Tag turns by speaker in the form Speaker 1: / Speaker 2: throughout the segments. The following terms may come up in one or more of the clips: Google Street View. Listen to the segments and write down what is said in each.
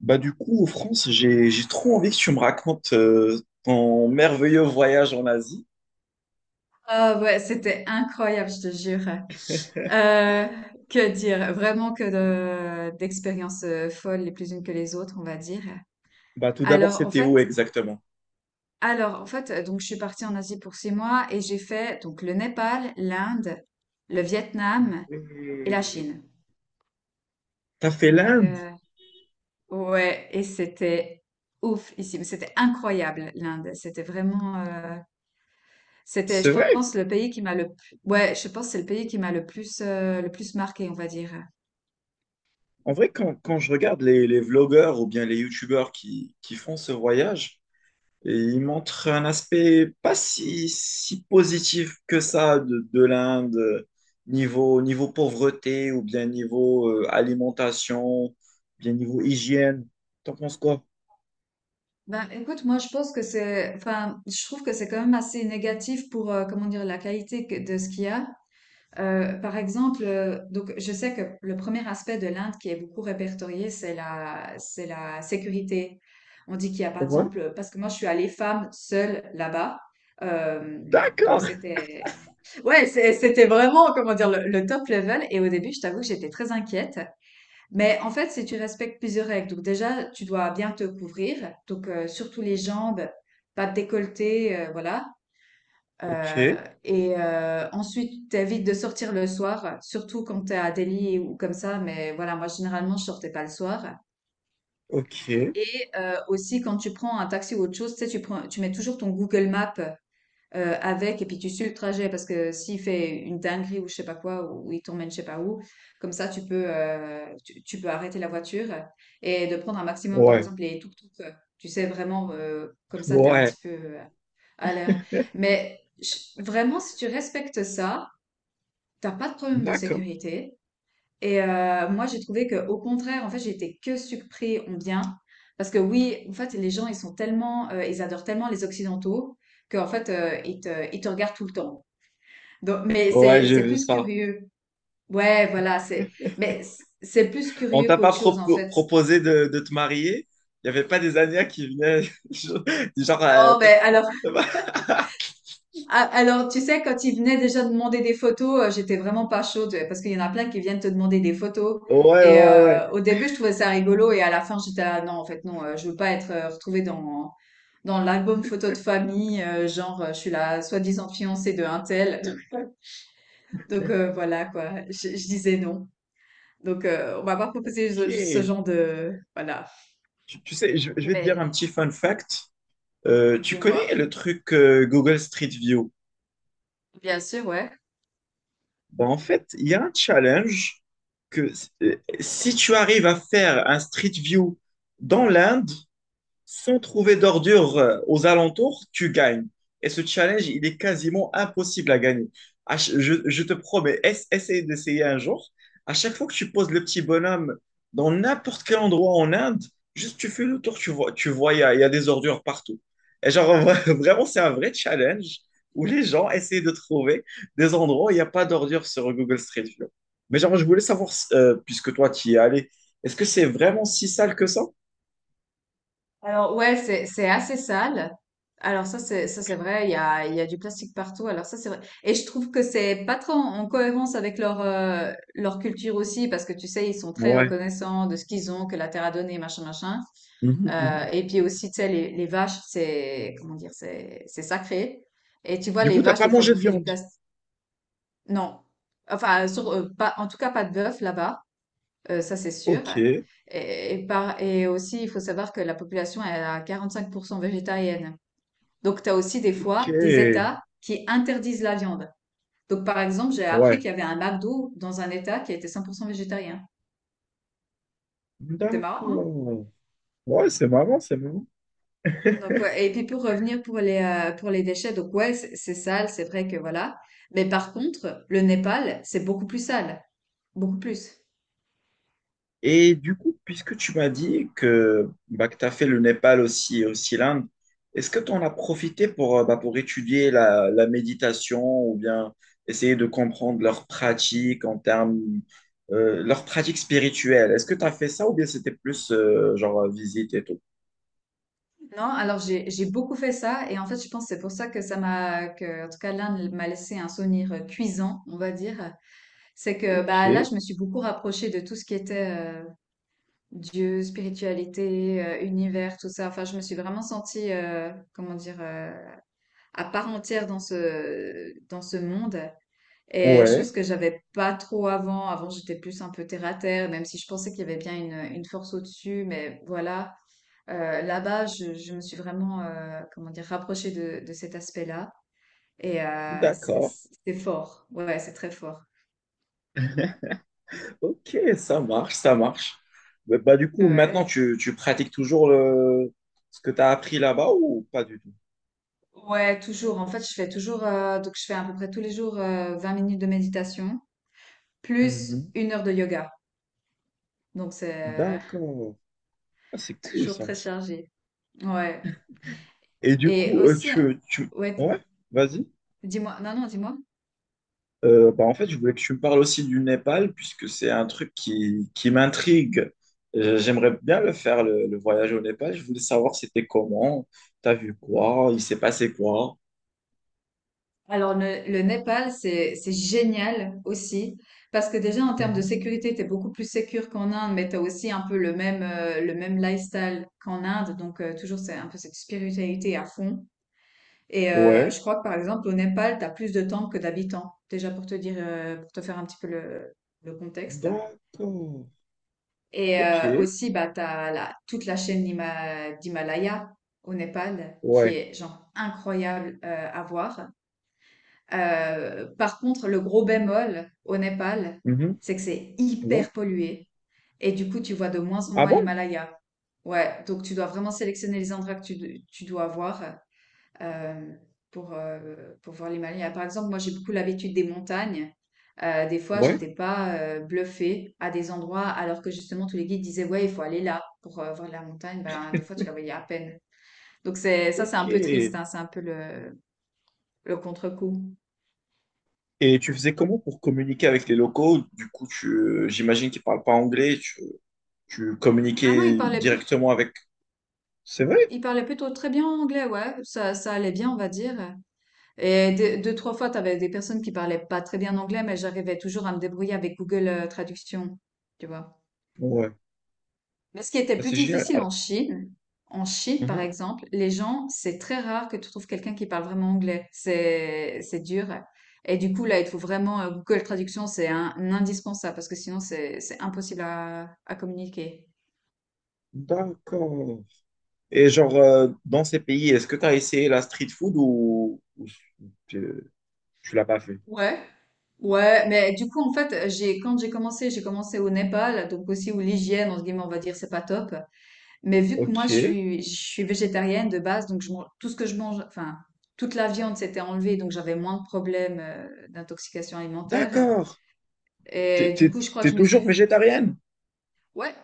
Speaker 1: Bah du coup, en France, j'ai trop envie que tu me racontes ton merveilleux voyage en Asie.
Speaker 2: Ah ouais, c'était incroyable, je te jure. Euh, que dire? Vraiment d'expériences folles, les plus unes que les autres, on va dire.
Speaker 1: Bah tout d'abord,
Speaker 2: Alors en
Speaker 1: c'était
Speaker 2: fait,
Speaker 1: où exactement?
Speaker 2: alors en fait, donc je suis partie en Asie pour 6 mois et j'ai fait donc le Népal, l'Inde, le Vietnam et la
Speaker 1: Oui.
Speaker 2: Chine.
Speaker 1: T'as fait
Speaker 2: Donc,
Speaker 1: l'Inde?
Speaker 2: ouais, et c'était ouf ici, mais c'était incroyable l'Inde. C'était vraiment. C'était,
Speaker 1: C'est
Speaker 2: je
Speaker 1: vrai.
Speaker 2: pense, le pays qui m'a le. Ouais, je pense que c'est le pays qui m'a le plus marqué, on va dire.
Speaker 1: En vrai, quand je regarde les vlogueurs ou bien les youtubeurs qui font ce voyage, et ils montrent un aspect pas si positif que ça de l'Inde, niveau pauvreté ou bien niveau alimentation, bien niveau hygiène. T'en penses quoi?
Speaker 2: Ben, écoute, moi, je pense que c'est, enfin, je trouve que c'est quand même assez négatif pour, comment dire, la qualité de ce qu'il y a. Par exemple, donc je sais que le premier aspect de l'Inde qui est beaucoup répertorié, c'est la sécurité. On dit qu'il y a par
Speaker 1: Ouais.
Speaker 2: exemple, parce que moi je suis allée femme seule là-bas, euh, donc
Speaker 1: D'accord.
Speaker 2: c'était, ouais, c'était vraiment, comment dire, le top level. Et au début, je t'avoue que j'étais très inquiète. Mais en fait, si tu respectes plusieurs règles, donc déjà, tu dois bien te couvrir, donc surtout les jambes, pas de décolleté, voilà.
Speaker 1: Ok,
Speaker 2: Heu et ensuite, t'évites de sortir le soir, surtout quand t'es à Delhi ou comme ça, mais voilà, moi, généralement, je sortais pas le soir
Speaker 1: ok,
Speaker 2: et aussi, quand tu prends un taxi ou autre chose, tu sais, tu mets toujours ton Google Maps, avec et puis tu suis le trajet parce que s'il fait une dinguerie ou je sais pas quoi ou il t'emmène je sais pas où, comme ça, tu peux arrêter la voiture et de prendre un maximum, par
Speaker 1: ouais,
Speaker 2: exemple, les tuk tuk tu sais, vraiment, comme ça, t'es un
Speaker 1: ouais,
Speaker 2: petit peu, euh, à l'air. Mais vraiment, si tu respectes ça, t'as pas de problème de
Speaker 1: d'accord.
Speaker 2: sécurité. Et moi, j'ai trouvé que, au contraire, en fait, j'étais que surpris en bien. Parce que oui, en fait, les gens, ils sont tellement, ils adorent tellement les Occidentaux qu'en fait, ils te regardent tout le temps. Donc, mais
Speaker 1: Ouais,
Speaker 2: c'est,
Speaker 1: j'ai
Speaker 2: c'est
Speaker 1: vu
Speaker 2: plus
Speaker 1: ça.
Speaker 2: curieux. Ouais, voilà, mais c'est plus
Speaker 1: On
Speaker 2: curieux
Speaker 1: t'a pas
Speaker 2: qu'autre chose, en fait.
Speaker 1: proposé de te marier? Il y avait pas des Ania qui venaient, du genre,
Speaker 2: Non, mais alors, ah, alors, tu sais, quand ils venaient déjà demander des photos, j'étais vraiment pas chaude parce qu'il y en a plein qui viennent te demander des photos.
Speaker 1: Ouais,
Speaker 2: Et
Speaker 1: ouais, ouais.
Speaker 2: au début, je trouvais ça rigolo et à la fin, j'étais ah, non, en fait, non, je veux pas être retrouvée dans l'album photo de famille, genre je suis la soi-disant fiancée de un tel. Donc voilà quoi, je disais non. Donc on m'a pas proposé
Speaker 1: Ok.
Speaker 2: ce genre de voilà.
Speaker 1: Tu sais, je vais te dire un
Speaker 2: Mais
Speaker 1: petit fun fact. Tu
Speaker 2: dis-moi.
Speaker 1: connais le truc Google Street View?
Speaker 2: Bien sûr, ouais.
Speaker 1: Ben, en fait, il y a un challenge que si tu arrives à faire un Street View dans l'Inde, sans trouver d'ordures aux alentours, tu gagnes. Et ce challenge, il est quasiment impossible à gagner. Je te promets, essaye d'essayer un jour. À chaque fois que tu poses le petit bonhomme dans n'importe quel endroit en Inde, juste tu fais le tour, tu vois, il y a des ordures partout. Et genre, vraiment, c'est un vrai challenge où les gens essayent de trouver des endroits où il n'y a pas d'ordures sur Google Street View. Mais genre, je voulais savoir, puisque toi, tu y es allé, est-ce que c'est vraiment si sale que ça?
Speaker 2: Alors ouais, c'est assez sale. Alors ça c'est vrai, il y a du plastique partout. Alors ça c'est vrai. Et je trouve que c'est pas trop en cohérence avec leur culture aussi parce que tu sais ils sont très
Speaker 1: Ouais.
Speaker 2: reconnaissants de ce qu'ils ont que la terre a donné machin machin.
Speaker 1: Mhm,
Speaker 2: Euh,
Speaker 1: mhm.
Speaker 2: et puis aussi tu sais les vaches c'est comment dire c'est sacré. Et tu vois
Speaker 1: Du
Speaker 2: les
Speaker 1: coup, t'as
Speaker 2: vaches
Speaker 1: pas
Speaker 2: des fois
Speaker 1: mangé de
Speaker 2: bouffer du
Speaker 1: viande.
Speaker 2: plastique. Non. Enfin sur pas en tout cas pas de bœuf là-bas. Ça c'est sûr.
Speaker 1: Ok,
Speaker 2: Et aussi, il faut savoir que la population elle est à 45% végétarienne. Donc, tu as aussi des fois des
Speaker 1: ok.
Speaker 2: États qui interdisent la viande. Donc, par exemple, j'ai appris
Speaker 1: Ouais.
Speaker 2: qu'il y avait un McDo dans un État qui était 100% végétarien. C'est marrant, hein?
Speaker 1: D'accord. Ouais, c'est marrant, c'est marrant.
Speaker 2: Donc, ouais. Et puis, pour revenir pour les déchets, donc, ouais, c'est sale, c'est vrai que voilà. Mais par contre, le Népal, c'est beaucoup plus sale. Beaucoup plus.
Speaker 1: Et du coup, puisque tu m'as dit que, bah, que tu as fait le Népal aussi, aussi l'Inde, est-ce que tu en as profité pour, bah, pour étudier la méditation ou bien essayer de comprendre leurs pratiques en termes, leurs pratiques spirituelles? Est-ce que tu as fait ça ou bien c'était plus genre visite et tout?
Speaker 2: Non, alors j'ai beaucoup fait ça et en fait je pense que c'est pour ça que ça m'a que en tout cas l'Inde m'a laissé un souvenir cuisant, on va dire. C'est que
Speaker 1: Ok,
Speaker 2: bah là je me suis beaucoup rapprochée de tout ce qui était euh, Dieu, spiritualité, univers, tout ça. Enfin, je me suis vraiment sentie, comment dire, à part entière dans ce monde. Et
Speaker 1: ouais,
Speaker 2: chose que j'avais pas trop avant. Avant, j'étais plus un peu terre à terre, même si je pensais qu'il y avait bien une force au-dessus. Mais voilà, là-bas, je me suis vraiment, comment dire, rapprochée de cet aspect-là. Et c'est
Speaker 1: d'accord.
Speaker 2: c'est fort. Ouais, c'est très fort.
Speaker 1: Ok, ça marche, ça marche. Mais bah, du coup, maintenant,
Speaker 2: Ouais.
Speaker 1: tu pratiques toujours le… ce que tu as appris là-bas ou pas du tout?
Speaker 2: Ouais, toujours. En fait, je fais toujours, donc je fais à peu près tous les jours 20 minutes de méditation, plus
Speaker 1: Mhm.
Speaker 2: 1 heure de yoga. Donc c'est
Speaker 1: D'accord. Ah, c'est cool
Speaker 2: toujours
Speaker 1: ça.
Speaker 2: très chargé. Ouais.
Speaker 1: Et du
Speaker 2: Et
Speaker 1: coup,
Speaker 2: aussi,
Speaker 1: tu…
Speaker 2: ouais,
Speaker 1: Ouais, vas-y.
Speaker 2: dis-moi, non, non, dis-moi.
Speaker 1: Bah, en fait, je voulais que tu me parles aussi du Népal, puisque c'est un truc qui m'intrigue. J'aimerais bien le faire, le voyage au Népal. Je voulais savoir c'était comment, t'as vu quoi, il s'est passé quoi.
Speaker 2: Alors le Népal, c'est génial aussi parce que déjà en termes de
Speaker 1: Mhm.
Speaker 2: sécurité, t'es beaucoup plus sécure qu'en Inde, mais t'as aussi un peu le même lifestyle qu'en Inde. Donc toujours c'est un peu cette spiritualité à fond. Et
Speaker 1: Ouais.
Speaker 2: je crois que par exemple au Népal, t'as plus de temples que d'habitants. Déjà pour te dire, pour te faire un petit peu le contexte.
Speaker 1: D'accord.
Speaker 2: Et
Speaker 1: Ok.
Speaker 2: aussi, bah, t'as la, toute la chaîne d'Himalaya au Népal qui
Speaker 1: Ouais.
Speaker 2: est genre incroyable à voir. Par contre, le gros bémol au Népal,
Speaker 1: Mhm.
Speaker 2: c'est que c'est
Speaker 1: Ouais.
Speaker 2: hyper pollué. Et du coup, tu vois de moins en
Speaker 1: Ah
Speaker 2: moins
Speaker 1: bon?
Speaker 2: l'Himalaya. Ouais, donc tu dois vraiment sélectionner les endroits que tu dois voir euh, pour, euh, pour voir les Himalayas. Par exemple, moi, j'ai beaucoup l'habitude des montagnes. Des fois,
Speaker 1: Ouais.
Speaker 2: j'étais pas bluffée à des endroits alors que justement tous les guides disaient ouais, il faut aller là pour voir la montagne. Ben, des fois, tu la voyais à peine. Donc c'est ça, c'est
Speaker 1: Ok.
Speaker 2: un peu triste,
Speaker 1: Et
Speaker 2: hein, c'est un peu le contre-coup.
Speaker 1: tu faisais comment pour communiquer avec les locaux? Du coup, j'imagine qu'ils parlent pas anglais. Tu
Speaker 2: Ah non,
Speaker 1: communiquais directement avec. C'est vrai?
Speaker 2: il parlait plutôt très bien anglais, ouais, ça allait bien, on va dire. Et deux, deux, trois fois, t'avais des personnes qui parlaient pas très bien anglais, mais j'arrivais toujours à me débrouiller avec Google Traduction, tu vois.
Speaker 1: Ouais.
Speaker 2: Mais ce qui était
Speaker 1: Ah,
Speaker 2: plus
Speaker 1: c'est génial.
Speaker 2: difficile
Speaker 1: Alors,
Speaker 2: en Chine, par
Speaker 1: mhm.
Speaker 2: exemple, les gens, c'est très rare que tu trouves quelqu'un qui parle vraiment anglais. C'est dur. Et du coup, là, il te faut vraiment, Google Traduction, c'est un indispensable parce que sinon, c'est impossible à communiquer.
Speaker 1: D'accord. Et genre, dans ces pays, est-ce que tu as essayé la street food ou tu, tu l'as pas fait?
Speaker 2: Ouais, ouais, mais du coup, en fait, quand j'ai commencé au Népal, donc aussi où l'hygiène, entre guillemets, on va dire, c'est pas top. Mais vu que moi,
Speaker 1: Ok.
Speaker 2: je suis végétarienne de base, donc tout ce que je mange, enfin, toute la viande s'était enlevée, donc j'avais moins de problèmes d'intoxication alimentaire.
Speaker 1: D'accord.
Speaker 2: Et du coup, je crois que
Speaker 1: T'es
Speaker 2: je me
Speaker 1: toujours
Speaker 2: suis.
Speaker 1: végétarienne?
Speaker 2: Ouais,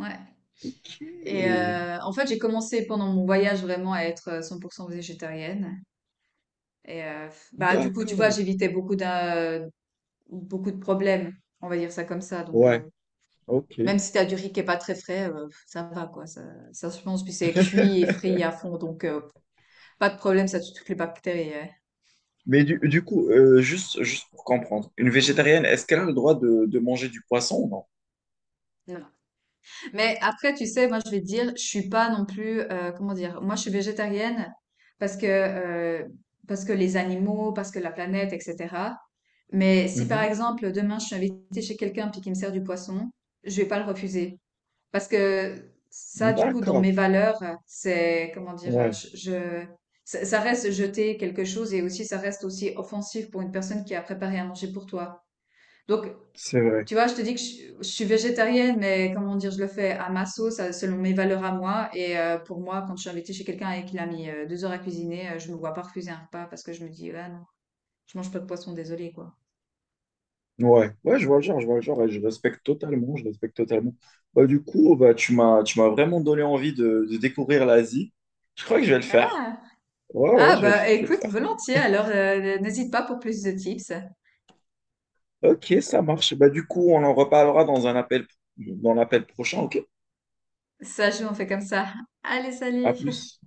Speaker 2: ouais.
Speaker 1: Ok.
Speaker 2: Et en fait, j'ai commencé pendant mon voyage vraiment à être 100% végétarienne. Et bah, du coup, tu vois,
Speaker 1: D'accord.
Speaker 2: j'évitais beaucoup beaucoup de problèmes, on va dire ça comme ça. Donc,
Speaker 1: Ouais. Ok.
Speaker 2: même si t'as du riz qui est pas très frais, ça va, quoi. Ça se mange, puis c'est cuit et frit à fond, donc. Pas de problème, ça tue toutes les bactéries, ouais.
Speaker 1: Mais du coup, juste pour comprendre, une végétarienne, est-ce qu'elle a le droit de manger du poisson ou non?
Speaker 2: Non, non. Mais après, tu sais, moi, je vais te dire, je suis pas non plus, comment dire, moi, je suis végétarienne parce que, euh, parce que les animaux, parce que la planète, etc. Mais si, par
Speaker 1: Mhm.
Speaker 2: exemple, demain, je suis invitée chez quelqu'un puis qu'il me sert du poisson, je vais pas le refuser. Parce que ça, du coup, dans
Speaker 1: D'accord.
Speaker 2: mes valeurs, c'est, comment dire,
Speaker 1: Ouais,
Speaker 2: ça reste jeter quelque chose et aussi, ça reste aussi offensif pour une personne qui a préparé à manger pour toi. Donc,
Speaker 1: c'est vrai.
Speaker 2: tu vois, je te dis que je suis végétarienne, mais comment dire, je le fais à ma sauce, selon mes valeurs à moi. Et pour moi, quand je suis invitée chez quelqu'un et qu'il a mis 2 heures à cuisiner, je me vois pas refuser un repas parce que je me dis, ah non, je mange pas de poisson, désolé quoi.
Speaker 1: Ouais, ouais, je vois le genre, je vois le genre et je respecte totalement, je respecte totalement. Bah, du coup, bah, tu m'as vraiment donné envie de découvrir l'Asie. Je crois que je vais le faire.
Speaker 2: Ah,
Speaker 1: Ouais, ouais,
Speaker 2: ah
Speaker 1: je vais le
Speaker 2: bah
Speaker 1: faire, je vais le
Speaker 2: écoute,
Speaker 1: faire.
Speaker 2: volontiers. Alors, n'hésite pas pour plus de tips.
Speaker 1: Ok, ça marche. Bah, du coup, on en reparlera dans un appel, dans l'appel prochain, ok?
Speaker 2: Ça joue, on fait comme ça. Allez,
Speaker 1: À
Speaker 2: salut!
Speaker 1: plus.